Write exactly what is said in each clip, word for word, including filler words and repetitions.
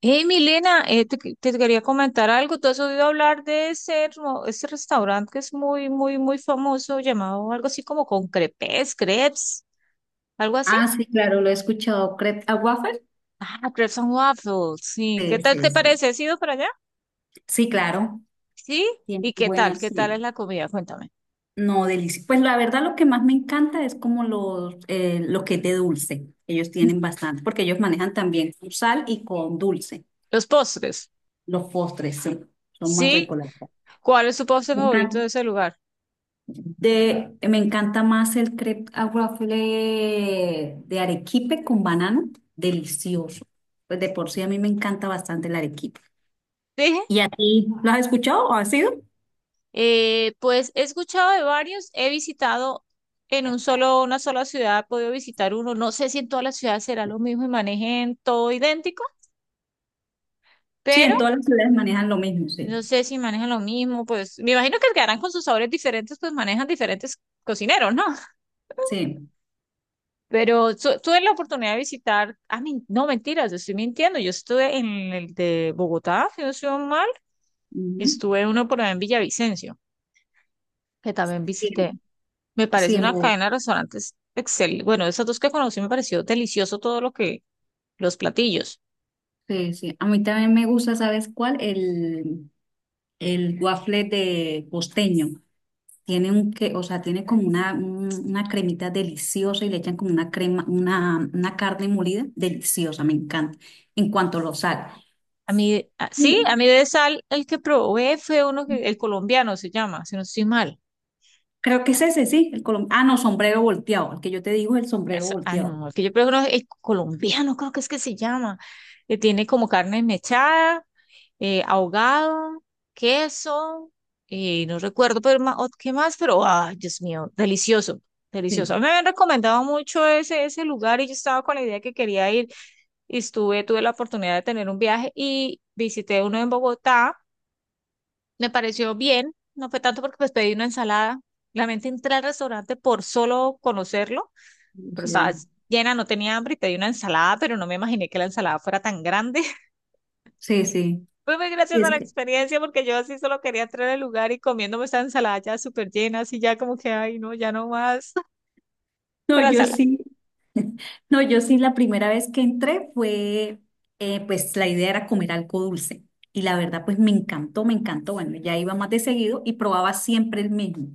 Hey, Milena, eh, te, que- te quería comentar algo. ¿Tú has oído hablar de ese, mo- ese restaurante que es muy, muy, muy famoso, llamado algo así como con crepes, crepes, algo así? Ah, sí, claro, lo he escuchado. ¿Crepe a waffle? Ah, crepes and waffles, sí. ¿Qué Sí, tal sí, te sí. parece? ¿Has ido para allá? Sí, claro. Sí. Tiene ¿Y qué tal? buenas, ¿Qué tal es sí. la comida? Cuéntame. No, delicioso. Pues la verdad lo que más me encanta es como los, eh, lo que es de dulce. Ellos tienen bastante, porque ellos manejan también con sal y con dulce. Los postres. Los postres, sí. Son más Sí. ricos, la verdad. ¿Cuál es tu postre Me favorito encanta. de ese lugar? De, me encanta más el crepe a waffle de arequipe con banano. Delicioso. Pues de por sí a mí me encanta bastante el arequipe. Sí. ¿Y a ti? ¿Lo has escuchado o has ido? Eh, pues he escuchado de varios, he visitado en un solo, una sola ciudad, he podido visitar uno. No sé si en todas las ciudades será lo mismo y manejen todo idéntico, Sí, pero en todas las ciudades manejan lo mismo, sí. no sé si manejan lo mismo. Pues me imagino que quedarán con sus sabores diferentes, pues manejan diferentes cocineros, ¿no? Sí. Pero su- tuve la oportunidad de visitar, ah, men- no, mentiras, estoy mintiendo. Yo estuve en el de Bogotá, si no estoy mal, y Ujú. estuve uno por allá en Villavicencio, que también Sí, visité. Me parece sí, una mo- cadena de restaurantes excelente. Bueno, esas dos que conocí me pareció delicioso todo lo que, los platillos. sí, sí. A mí también me gusta, ¿sabes cuál? El, el waffle de costeño. Tiene un que, o sea, tiene como una, un- una cremita deliciosa y le echan como una crema, una, una carne molida deliciosa, me encanta. En cuanto lo sal. A mí, ah, sí, a Y mí de sal, el que probé fue uno que, el colombiano se llama, si no estoy mal. creo que es ese, sí, el colom- ah, no, sombrero volteado. El que yo te digo es el sombrero Eso- ah, volteado. no, es que yo creo que no, el colombiano, creo que es que se llama, que tiene como carne mechada, eh, ahogado, queso, eh, no recuerdo pero ma- o- qué más, pero, ay, Dios mío, delicioso, delicioso. A Sí, mí me habían recomendado mucho ese, ese lugar y yo estaba con la idea que quería ir y estuve, tuve la oportunidad de tener un viaje y visité uno en Bogotá, me pareció bien, no fue tanto porque pues pedí una ensalada, realmente entré al restaurante por solo conocerlo pero curiosidad. estabas llena, no tenía hambre y pedí una ensalada, pero no me imaginé que la ensalada fuera tan grande. Sí, sí, sí. Fue muy graciosa Es la que, experiencia porque yo así solo quería entrar al lugar y comiéndome esa ensalada ya súper llena, así ya como que, ay, no, ya no más. no, Pero yo ensalada, sí. No, yo sí, la primera vez que entré fue, eh, pues la idea era comer algo dulce. Y la verdad, pues me encantó, me encantó. Bueno, ya iba más de seguido y probaba siempre el mismo.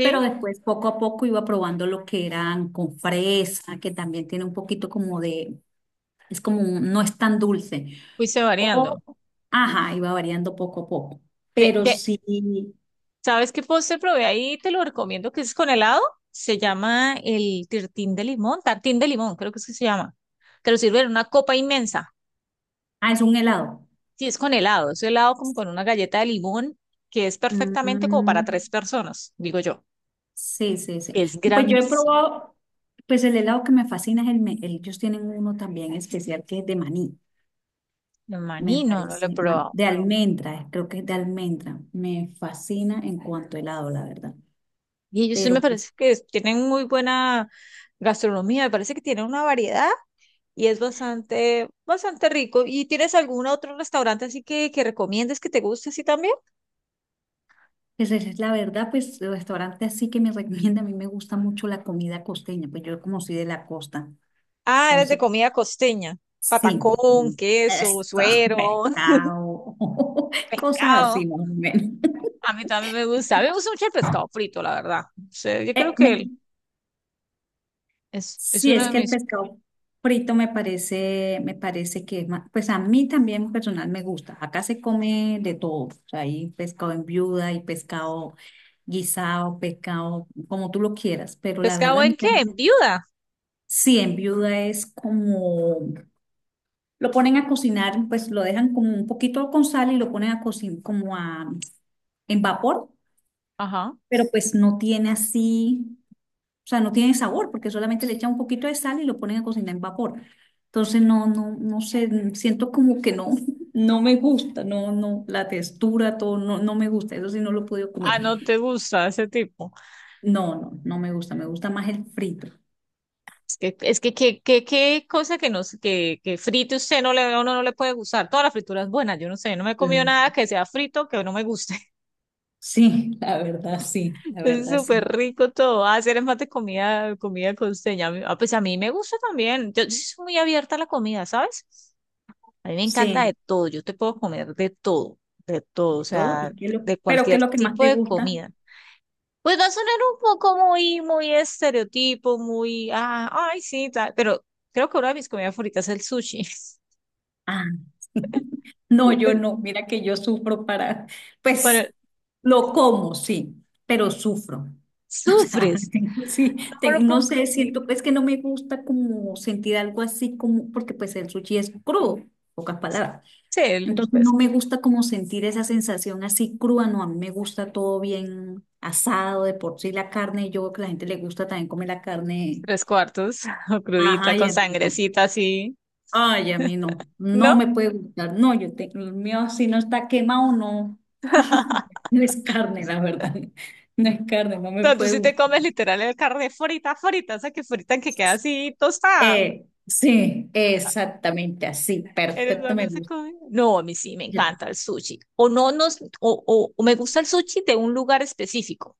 Pero después, poco a poco, iba probando lo que eran con fresa, que también tiene un poquito como de, es como, un- no es tan dulce. fuiste O, variando. ajá, iba variando poco a poco. De, Pero de, sí, ¿sabes qué postre probé ahí? Te lo recomiendo que es con helado. Se llama el tirtín de limón, tartín de limón, creo que es que se llama. Te lo sirven en una copa inmensa. ah, es un helado. Sí, es con helado, es helado como con una galleta de limón que es perfectamente como para Mm. tres personas, digo yo. Sí, sí, sí. Que es Pues yo he grandísimo. probado, pues el helado que me fascina es el, me- el- ellos tienen uno también especial que es de maní, El me maní no, no lo he parece, man- probado. de almendra, creo que es de almendra. Me fascina en cuanto a helado, la verdad. Y ellos sí me Pero pues, parece que es- tienen muy buena gastronomía, me parece que tienen una variedad y es bastante, bastante rico. ¿Y tienes algún otro restaurante así que, que recomiendes que te guste así también? pues esa es la verdad, pues el restaurante así que me recomienda, a mí me gusta mucho la comida costeña, pues yo como soy de la costa, Ah, eres de entonces comida costeña, sí, patacón, queso, esto, eso, suero, pescado, cosas pescado. así más o menos. A mí también me gusta, a mí me gusta mucho el pescado frito, la verdad. O sea, yo creo Eh, que el- me- es, es Sí, uno es de que el mis... pescado frito me parece, me parece que, es ma- pues a mí también personal me gusta. Acá se come de todo. O sea, hay pescado en viuda, hay pescado guisado, pescado como tú lo quieras. Pero la ¿Pescado verdad, a mí en qué? también. En viuda. Sí, en viuda es como, lo ponen a cocinar, pues lo dejan como un poquito con sal y lo ponen a cocinar como a, en vapor, Ajá. pero pues no tiene así. O sea, no tiene sabor porque solamente le echan un poquito de sal y lo ponen a cocinar en vapor. Entonces, no, no, no sé, siento como que no, no me gusta, no, no, la textura, todo, no, no me gusta. Eso sí, no lo he podido comer. Ah, no te gusta ese tipo. No, no, no me gusta, me gusta más el frito. Es que, es que, qué qué- qué cosa que no sé- que, que frite usted no le, uno no le puede gustar. Toda la fritura es buena, yo no sé, no me he comido Mm, nada que sea frito que no me guste. sí, la verdad, sí, la Es verdad, súper sí. rico todo. Ah, hacer es más de comida, comida costeña. A mí- Ah, pues a mí me gusta también. Yo, sí soy muy abierta a la comida, ¿sabes? A mí me encanta Sí, de todo. Yo te puedo comer de todo, de todo, o de todo. sea, ¿Y qué es de, lo, de pero qué cualquier es lo que más tipo te de gusta? comida. Pues va a sonar un poco muy, muy estereotipo, muy, ah, ay, sí, tal, pero creo que una de mis comidas favoritas es el sushi. Ah. No, yo Eh, no. Mira que yo sufro para, Bueno, pues lo como, sí, pero sufro. O sea, sufres. tengo- sí, No lo tengo- no puedo sé, creer. siento, pues que no me gusta como sentir algo así como, porque pues el sushi es crudo, pocas palabras. Sí, Entonces no pues, me gusta como sentir esa sensación así cruda, no, a mí me gusta todo bien asado, de por sí la carne, yo creo que a la gente le gusta también comer la carne, tres cuartos, o crudita, ajá, y con a mí no. sangrecita así, Ay, a mí no, ¿no? O no me puede gustar. No, yo tengo el mío, si no está quemado, no. No es carne, la verdad. No es carne, no me tú puede sí te gustar. comes literal el carne frita, frita, o sea, que frita que queda así tostada. Eh, sí, exactamente así, ¿Eres perfecto, me donde se gusta. come? No, a mí sí me Yo te- encanta el sushi. O no, nos, o, o o me gusta el sushi de un lugar específico.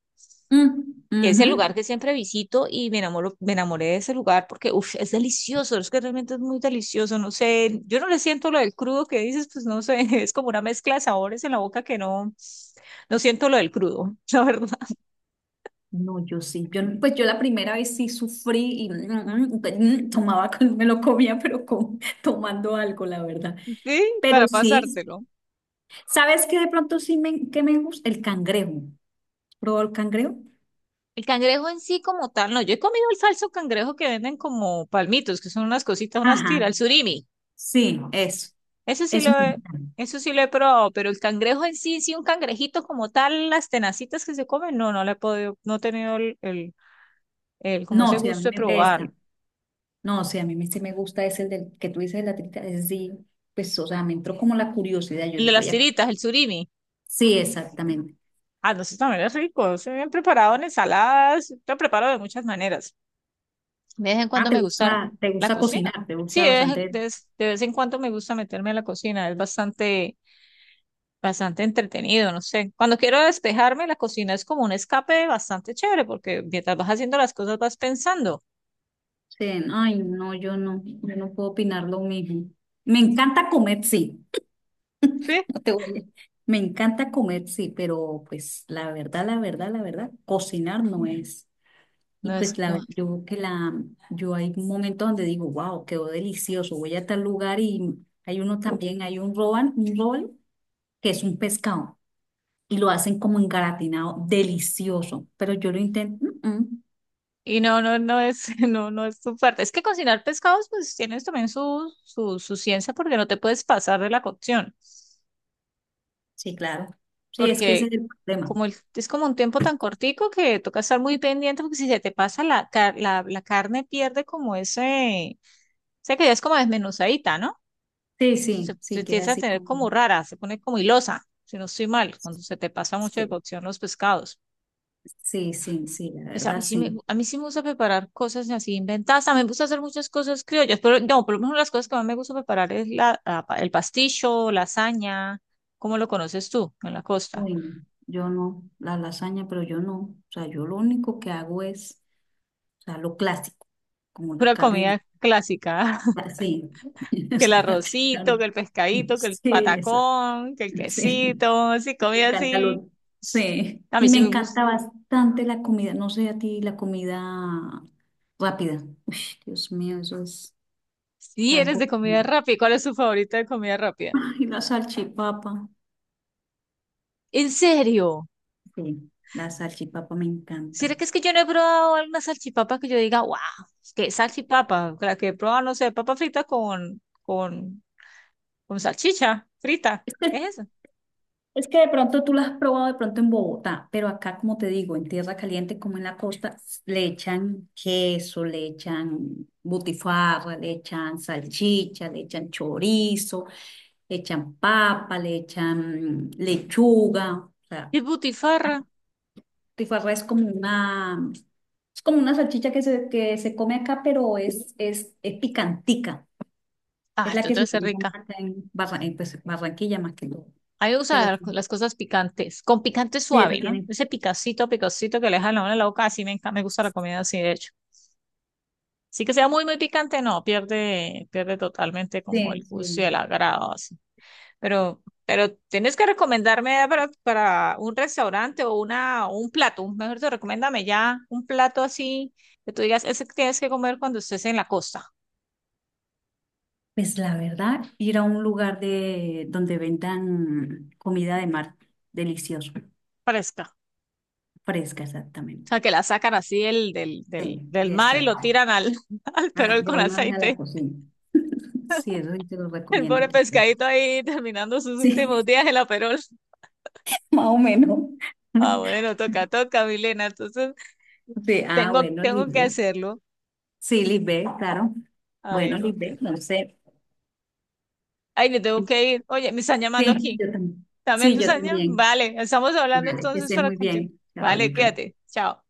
Mm, Que es el lugar ujú. que siempre visito y me enamoro, me enamoré de ese lugar porque uf, es delicioso, es que realmente es muy delicioso, no sé, yo no le siento lo del crudo que dices, pues no sé, es como una mezcla de sabores en la boca que no, no siento lo del crudo, la verdad. No, yo sí, yo, no- pues yo la primera vez sí sufrí y mm, mm, pero, mm, tomaba, con- me lo comía, pero con, tomando algo, la verdad. Sí, Pero para sí, pasártelo. ¿sabes qué de pronto sí me, que me gusta? El cangrejo. ¿Probó el cangrejo? El cangrejo en sí como tal, no, yo he comido el falso cangrejo que venden como palmitos, que son unas cositas, unas tiras, el Ajá. surimi, Sí, eso, ese sí lo eso me he, gusta. eso sí lo he probado, pero el cangrejo en sí, sí, un cangrejito como tal, las tenacitas que se comen, no, no le he podido, no he tenido el, el el, como ese No, sí, a gusto mí de me, probar. esta, no, sí, a mí me, sí me gusta ese el del que tú dices de la trita, es sí, pues, o sea, me entró como la curiosidad, yo El dije, de las voy a, tiritas, el surimi. sí, exactamente. Ah, no, eso también es rico. Se bien preparado en ensaladas. Lo preparo de muchas maneras. De vez en Ah, cuando te me gusta gusta, te la gusta cocina. cocinar, te Sí, gusta de vez, en- bastante, de vez- de vez en cuando me gusta meterme a la cocina. Es bastante, bastante entretenido, no sé. Cuando quiero despejarme, la cocina es como un escape bastante chévere porque mientras vas haciendo las cosas vas pensando. sí, no, ay, no, yo no, yo no puedo opinar lo mismo. Me encanta comer, sí, Sí. no te voy a- me encanta comer, sí, pero pues la verdad, la verdad, la verdad, cocinar no es. Y No es, pues la, no. yo que la, yo hay momentos donde digo, wow, quedó delicioso, voy a tal lugar y hay uno también, hay un roban, un roll que es un pescado y lo hacen como engaratinado, delicioso, pero yo lo intento, "Mm, mm". Y no, no, no es, no, no es tu fuerte. Es que cocinar pescados, pues tienes también su, su, su ciencia porque no te puedes pasar de la cocción. Sí, claro, sí, es que ese Porque es el problema. como el- es como un tiempo tan cortico que toca estar muy pendiente porque si se te pasa la, car- la, la carne pierde como ese, o sea que ya es como desmenuzadita, ¿no? Sí, Se, sí, se sí, queda empieza a así tener como, como rara, se pone como hilosa, si no estoy mal, cuando se te pasa mucho de sí, cocción los pescados. sí, sí, sí, la Pues a verdad, mí sí me, sí. a mí sí me gusta preparar cosas así inventadas. También me gusta hacer muchas cosas criollas, pero no, por lo menos las cosas que más me gusta preparar es la, la pa- el pasticho, lasaña, ¿cómo lo conoces tú en la costa? Uy, no, yo no, la lasaña, pero yo no, o sea, yo lo único que hago es, o sea, lo clásico, como la Pura carne. comida clásica, Ah, sí. O que el sea, claro. arrocito, que el pescadito, que el Sí, eso, patacón, que el sí, quesito, así, me comida encanta así. lo, sí, A mí y me sí me gusta. encanta bastante la comida, no sé a ti, la comida rápida. Uy, Dios mío, eso es Sí, eres de algo, comida rápida. ¿Cuál es tu favorita de comida rápida? y la salchipapa, ¿En serio? sí, la salchipapa me encanta. ¿Será que es que yo no he probado alguna salchipapa que yo diga, wow, que salchipapa? La que he probado, no sé, papa frita con, con, con salchicha frita. ¿Qué es eso? Es que de pronto tú la has probado de pronto en Bogotá, pero acá, como te digo, en tierra caliente como en la costa, s- le echan queso, le echan butifarra, le echan salchicha, le echan chorizo, le echan papa, le echan lechuga. O sea, Es butifarra. butifarra es como una, es como una salchicha que se, que se come acá, pero es, es, es picantica. Ah, Es la esto que se debe ser utiliza rica. acá en, Barra- en, pues, Barranquilla más que todo. A mí me Pero gustan las sí, las cosas picantes, con picante sí, eso suave, ¿no? tiene. Ese picacito, picacito que le deja la mano en la boca, así me encanta, me gusta la comida así, de hecho. Sí que sea muy, muy picante, no, pierde, pierde totalmente como Sí, el sí. gusto y el agrado, así. Pero, pero tienes que recomendarme para, para un restaurante o una, un plato, un- mejor te recomiéndame ya un plato así que tú digas, ese que tienes que comer cuando estés en la costa, Pues la verdad, ir a un lugar de donde vendan comida de mar deliciosa, fresca. fresca O exactamente. sea, que la sacan así del, del, del, Sí, del mar y lo exacto. tiran al, al Ah, perol de con una vez a la aceite. cocina. Sí, eso sí te lo El recomiendo. pobre Lisbeth. pescadito ahí terminando sus Sí, últimos días en la perol. más o menos. Ah, bueno, toca, toca, Milena. Entonces, Sí, ah, tengo, bueno, tengo que Lisbeth. hacerlo. Sí, Lisbeth, claro. Ay, Bueno, no, ok. Lisbeth, no sé. Ay, me tengo que ir. Oye, me están llamando Sí, aquí. yo también. También Sí, tus yo años. también. Vale, estamos hablando Vale, que entonces estés para muy continuar. bien. Chao, Vale, Lisbeth. cuídate. Chao.